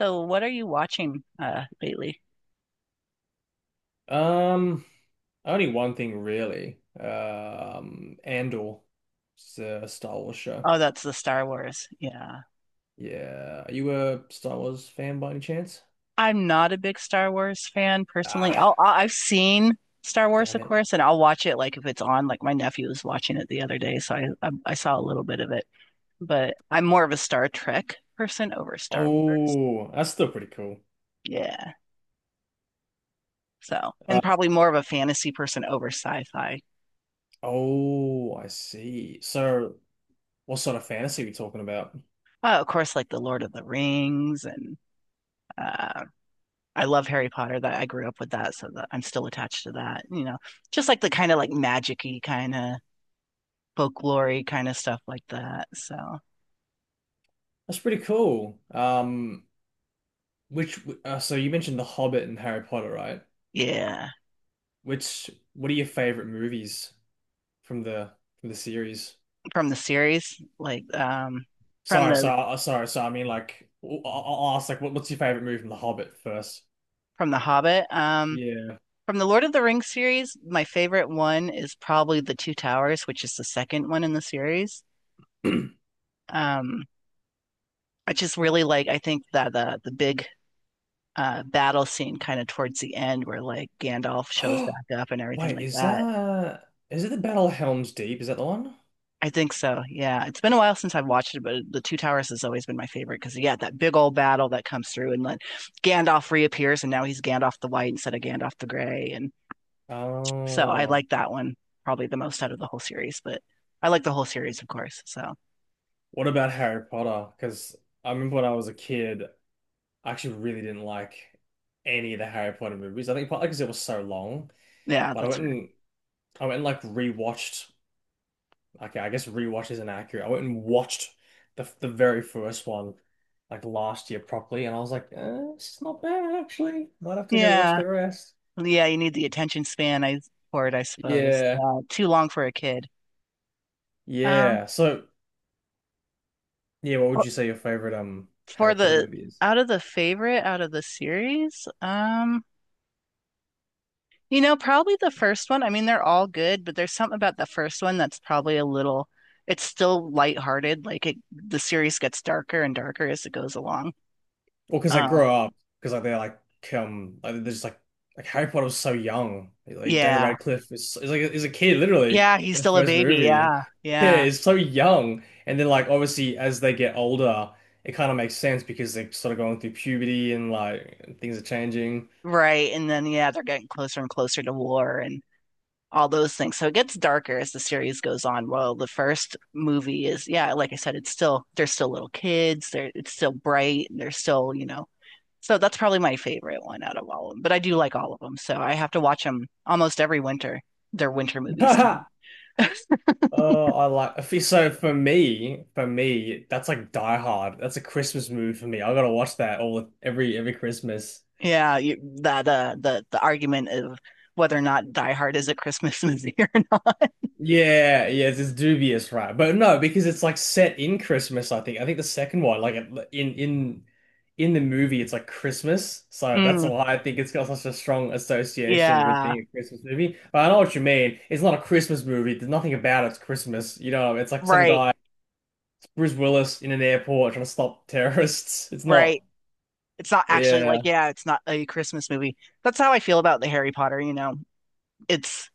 So, what are you watching lately? Um, Only one thing really. Andor, it's a Star Wars show. Oh, that's the Star Wars. Yeah. Yeah, are you a Star Wars fan by any chance? I'm not a big Star Wars fan personally. Ah, I've seen Star Wars, damn of it. course, and I'll watch it like if it's on. Like my nephew was watching it the other day, so I saw a little bit of it. But I'm more of a Star Trek person over Star Wars. Oh, that's still pretty cool. Yeah. So, Uh, and probably more of a fantasy person over sci-fi. oh, I see. So, what sort of fantasy are we talking about? Of course, like the Lord of the Rings and uh, I love Harry Potter. That I grew up with that, so that I'm still attached to that. You know, just like the kind of like magic-y kind of folklory kind of stuff like that. So That's pretty cool. Which so you mentioned The Hobbit and Harry Potter, right? yeah, Which what are your favorite movies from the from the series? from the series, from Sorry, the sorry, sorry, sorry, so I mean, like, I'll ask, like, what's your favorite movie from The Hobbit first? from the Hobbit, Yeah. from the Lord of the Rings series, my favorite one is probably the Two Towers, which is the second one in the series. Um, I just really like. I think that the big battle scene kind of towards the end, where like Gandalf shows back up and everything Wait, like that. Is it the Battle of Helm's Deep? Is that the one? I think so. Yeah. It's been a while since I've watched it, but the Two Towers has always been my favorite because, yeah, that big old battle that comes through and then Gandalf reappears and now he's Gandalf the White instead of Gandalf the Gray. And so I Oh, like that one probably the most out of the whole series, but I like the whole series, of course. So what about Harry Potter? Because I remember when I was a kid, I actually really didn't like any of the Harry Potter movies. I think partly because it was so long, yeah, but that's fair. I went and like rewatched. Okay, I guess rewatch is inaccurate. I went and watched the very first one like last year properly, and I was like, eh, it's not bad actually. Might have to go watch Yeah. the rest. Yeah. You need the attention span for it, I suppose. Yeah, Yeah. Too long for a kid. Um, yeah. So, yeah, what would you say your favorite for Harry Potter the movie is? Out of the favorite out of the series, you know, probably the first one. I mean, they're all good, but there's something about the first one that's probably a little, it's still lighthearted. Like it, the series gets darker and darker as it goes along. Well, because I Uh, grew up, because like they're just like Harry Potter was so young. Like Daniel yeah. Radcliffe is like is a kid literally Yeah, he's in the still a first baby. movie. Yeah. Yeah, Yeah. he's so young, and then like obviously as they get older, it kind of makes sense because they're sort of going through puberty and like things are changing. Right. And then, yeah, they're getting closer and closer to war and all those things. So it gets darker as the series goes on. Well, the first movie is, yeah, like I said, it's still, they're still little kids. It's still bright. And they're still, you know, so that's probably my favorite one out of all of them. But I do like all of them, so I have to watch them almost every winter. They're winter movies to me. Oh, I like if you- so for me, that's like Die Hard. That's a Christmas movie for me. I gotta watch that all every Christmas. Yeah, you, the, the argument of whether or not Die Hard is a Christmas movie or not. Yeah, yeah, it's dubious, right? But no, because it's like set in Christmas, I think. I think the second one, like it- like, in the movie, it's like Christmas. So that's Mm, why I think it's got such a strong association with yeah, being a Christmas movie. But I know what you mean. It's not a Christmas movie. There's nothing about it's Christmas. You know, it's like some right, guy, it's Bruce Willis in an airport trying to stop terrorists. It's not. right. It's not actually like, Yeah. yeah, it's not a Christmas movie. That's how I feel about the Harry Potter, you know. It's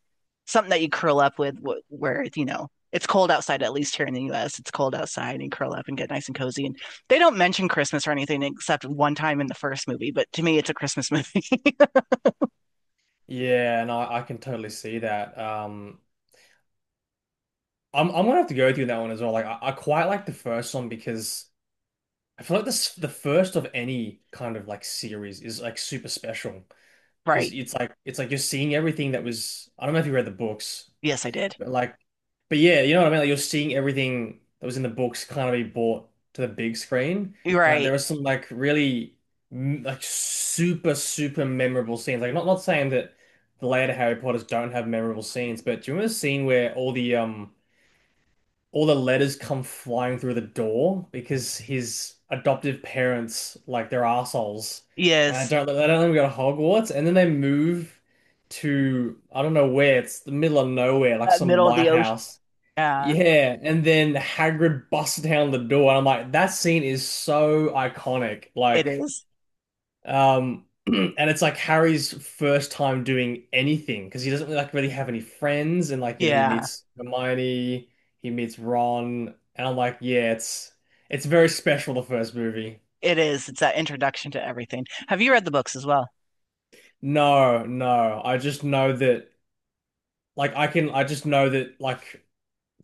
something that you curl up with where you know it's cold outside, at least here in the US it's cold outside, and you curl up and get nice and cozy and they don't mention Christmas or anything except one time in the first movie, but to me it's a Christmas movie Yeah, and I can totally see that. I'm gonna have to go with you on that one as well. Like I quite like the first one because I feel like this the first of any kind of like series is like super special because right. It's like you're seeing everything that was I don't know if you read the books, Yes, I did. but like but yeah, you know what I mean? Like you're seeing everything that was in the books kind of be brought to the big screen. You're And like right. there are some like really like super memorable scenes. Like not saying that the later Harry Potters don't have memorable scenes, but do you remember the scene where all the letters come flying through the door because his adoptive parents like they're assholes, and I Yes. don't they don't let him go to Hogwarts, and then they move to I don't know where it's the middle of nowhere like some Middle of the ocean. lighthouse. Yeah. Yeah, and then Hagrid busts down the door, and I'm like, that scene is so iconic. It Like, is. And it's like Harry's first time doing anything because he doesn't really, like really have any friends, and like you know he Yeah, meets Hermione, he meets Ron, and I'm like, yeah, it's very special the first movie. it is. It's that introduction to everything. Have you read the books as well? No, no, I just know that like I just know that like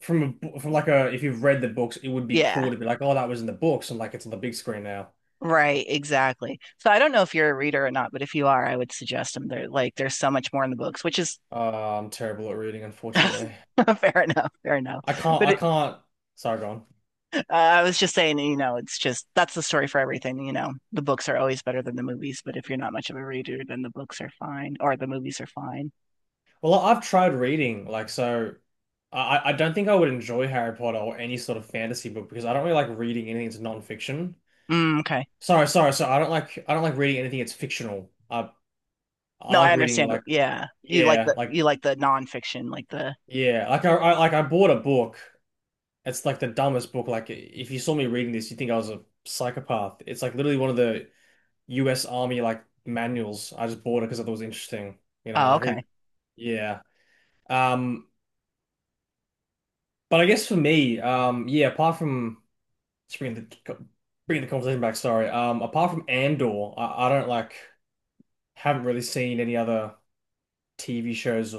from like a if you've read the books, it would be Yeah. cool to be like, oh, that was in the books, and like it's on the big screen now. Right, exactly. So I don't know if you're a reader or not, but if you are I would suggest them. They're like, there's so much more in the books, which is I'm terrible at reading, unfortunately. Fair enough, fair enough. But I can't. Sorry, go on. I was just saying, you know, it's just that's the story for everything. You know, the books are always better than the movies, but if you're not much of a reader, then the books are fine or the movies are fine. Well, I've tried reading, like, so I don't think I would enjoy Harry Potter or any sort of fantasy book because I don't really like reading anything that's non-fiction. Mm, okay. Sorry, sorry, so I don't like reading anything that's fictional. I No, I like reading understand. like Yeah, you like yeah, the like nonfiction, like the yeah, like I bought a book. It's like the dumbest book. Like if you saw me reading this, you'd think I was a psychopath. It's like literally one of the U.S. Army like manuals. I just bought it because I thought it was interesting. You know, oh, like okay. who? Yeah. Um, But I guess for me, yeah, apart from just bringing the conversation back, sorry. Apart from Andor, I don't like haven't really seen any other TV shows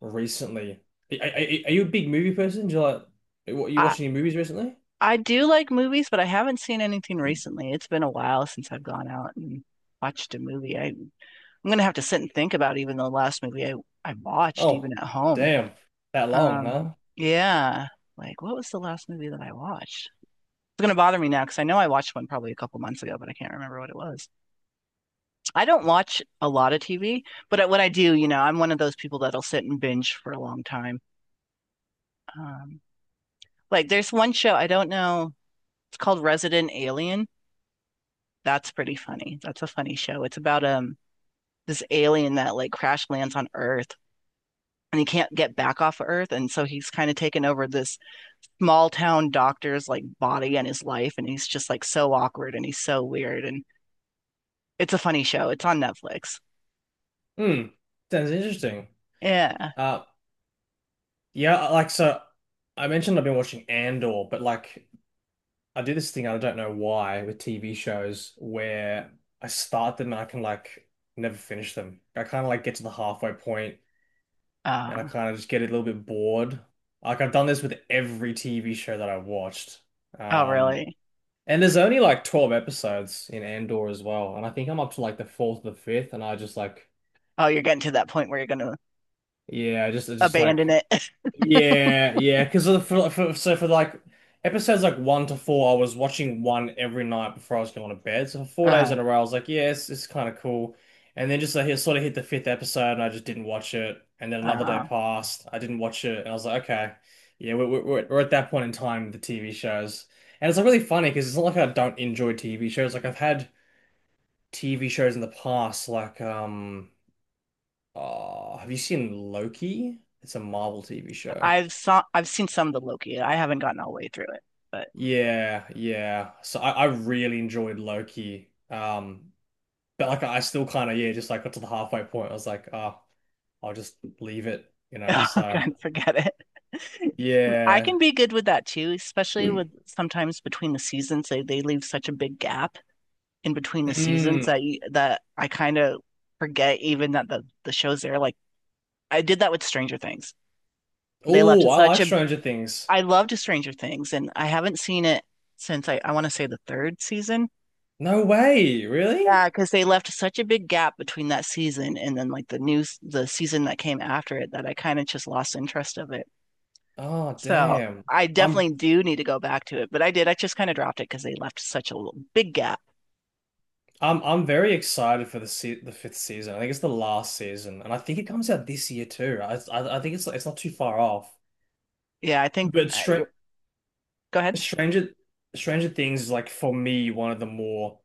recently. Are you a big movie person? Do you like what you I watch any movies recently? Do like movies, but I haven't seen anything recently. It's been a while since I've gone out and watched a movie. I'm gonna have to sit and think about even the last movie I watched Oh, even at home. damn, that long, Um, huh? yeah. Like, what was the last movie that I watched? It's gonna bother me now because I know I watched one probably a couple months ago, but I can't remember what it was. I don't watch a lot of TV, but when I do, you know, I'm one of those people that'll sit and binge for a long time. Um, like, there's one show, I don't know. It's called Resident Alien. That's pretty funny. That's a funny show. It's about this alien that like crash lands on Earth and he can't get back off of Earth, and so he's kind of taken over this small town doctor's like body and his life, and he's just like so awkward and he's so weird, and it's a funny show. It's on Netflix. Hmm, sounds interesting. Yeah. Uh, yeah, like so, I mentioned I've been watching Andor, but like I do this thing, I don't know why, with TV shows where I start them and I can like never finish them. I kind of like get to the halfway point and I Uh, kind of just get a little bit bored. Like I've done this with every TV show that I've watched. oh Um, really? and there's only like 12 episodes in Andor as well. And I think I'm up to like the fourth or the fifth and Oh, you're getting to that point where you're gonna yeah, I just abandon like, it. yeah, yeah, because for like episodes like one to four, I was watching one every night before I was going to bed. So for 4 days Uh-huh. in a row, I was like, yeah, it's kind of cool. And then just like it sort of hit the fifth episode, and I just didn't watch it. And then another Uh, day passed, I didn't watch it, and I was like, okay, yeah, we're at that point in time with the TV shows, and it's like really funny because it's not like I don't enjoy TV shows. Like I've had TV shows in the past, like oh, have you seen Loki? It's a Marvel TV show. I've seen some of the Loki. I haven't gotten all the way through it, but Yeah, yeah. So I really enjoyed Loki. But like I still kind of yeah, just like got to the halfway point. I was like, oh, I'll just leave it, you know. oh So god, forget it. I can yeah. be good with that too, especially with sometimes between the seasons they leave such a big gap in between the seasons that Mm. That I kind of forget even that the show's there. Like I did that with Stranger Things. They left Oh, I such like a Stranger Things. I loved Stranger Things, and I haven't seen it since I want to say the third season. No way, Yeah, really? because they left such a big gap between that season and then the season that came after it, that I kind of just lost interest of it. Oh, So damn. I I'm definitely do need to go back to it, but I did. I just kind of dropped it because they left such a big gap. I'm very excited for the se the fifth season. I think it's the last season, and I think it comes out this year too. I think it's not too far off. Yeah, I think. But Go ahead. Stranger Stranger Things is like for me one of the more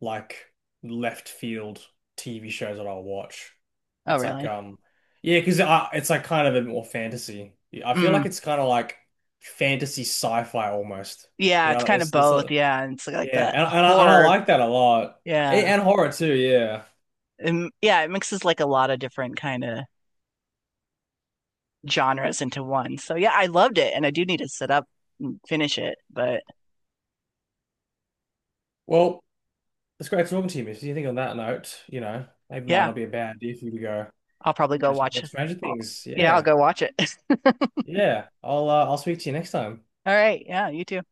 like left field TV shows that I'll watch. Oh, It's like really? Yeah, because I it's like kind of a bit more fantasy. I feel Mm. like it's kind of like fantasy sci-fi almost. You Yeah, know, it's like kind of this both. Yeah, and it's like yeah, that and and I horror. like that a lot. A- Yeah, And horror too, yeah. and, yeah, it mixes like a lot of different kind of genres into one. So yeah, I loved it, and I do need to sit up and finish it. But Well, it's great talking to you, Missy. You think on that note, you know, maybe it might yeah, not be a bad idea for you to go I'll probably go catch up watch with it. Stranger I'll- Things. yeah, I'll Yeah. go watch it. Yeah. I'll speak to you next time. All right. Yeah, you too.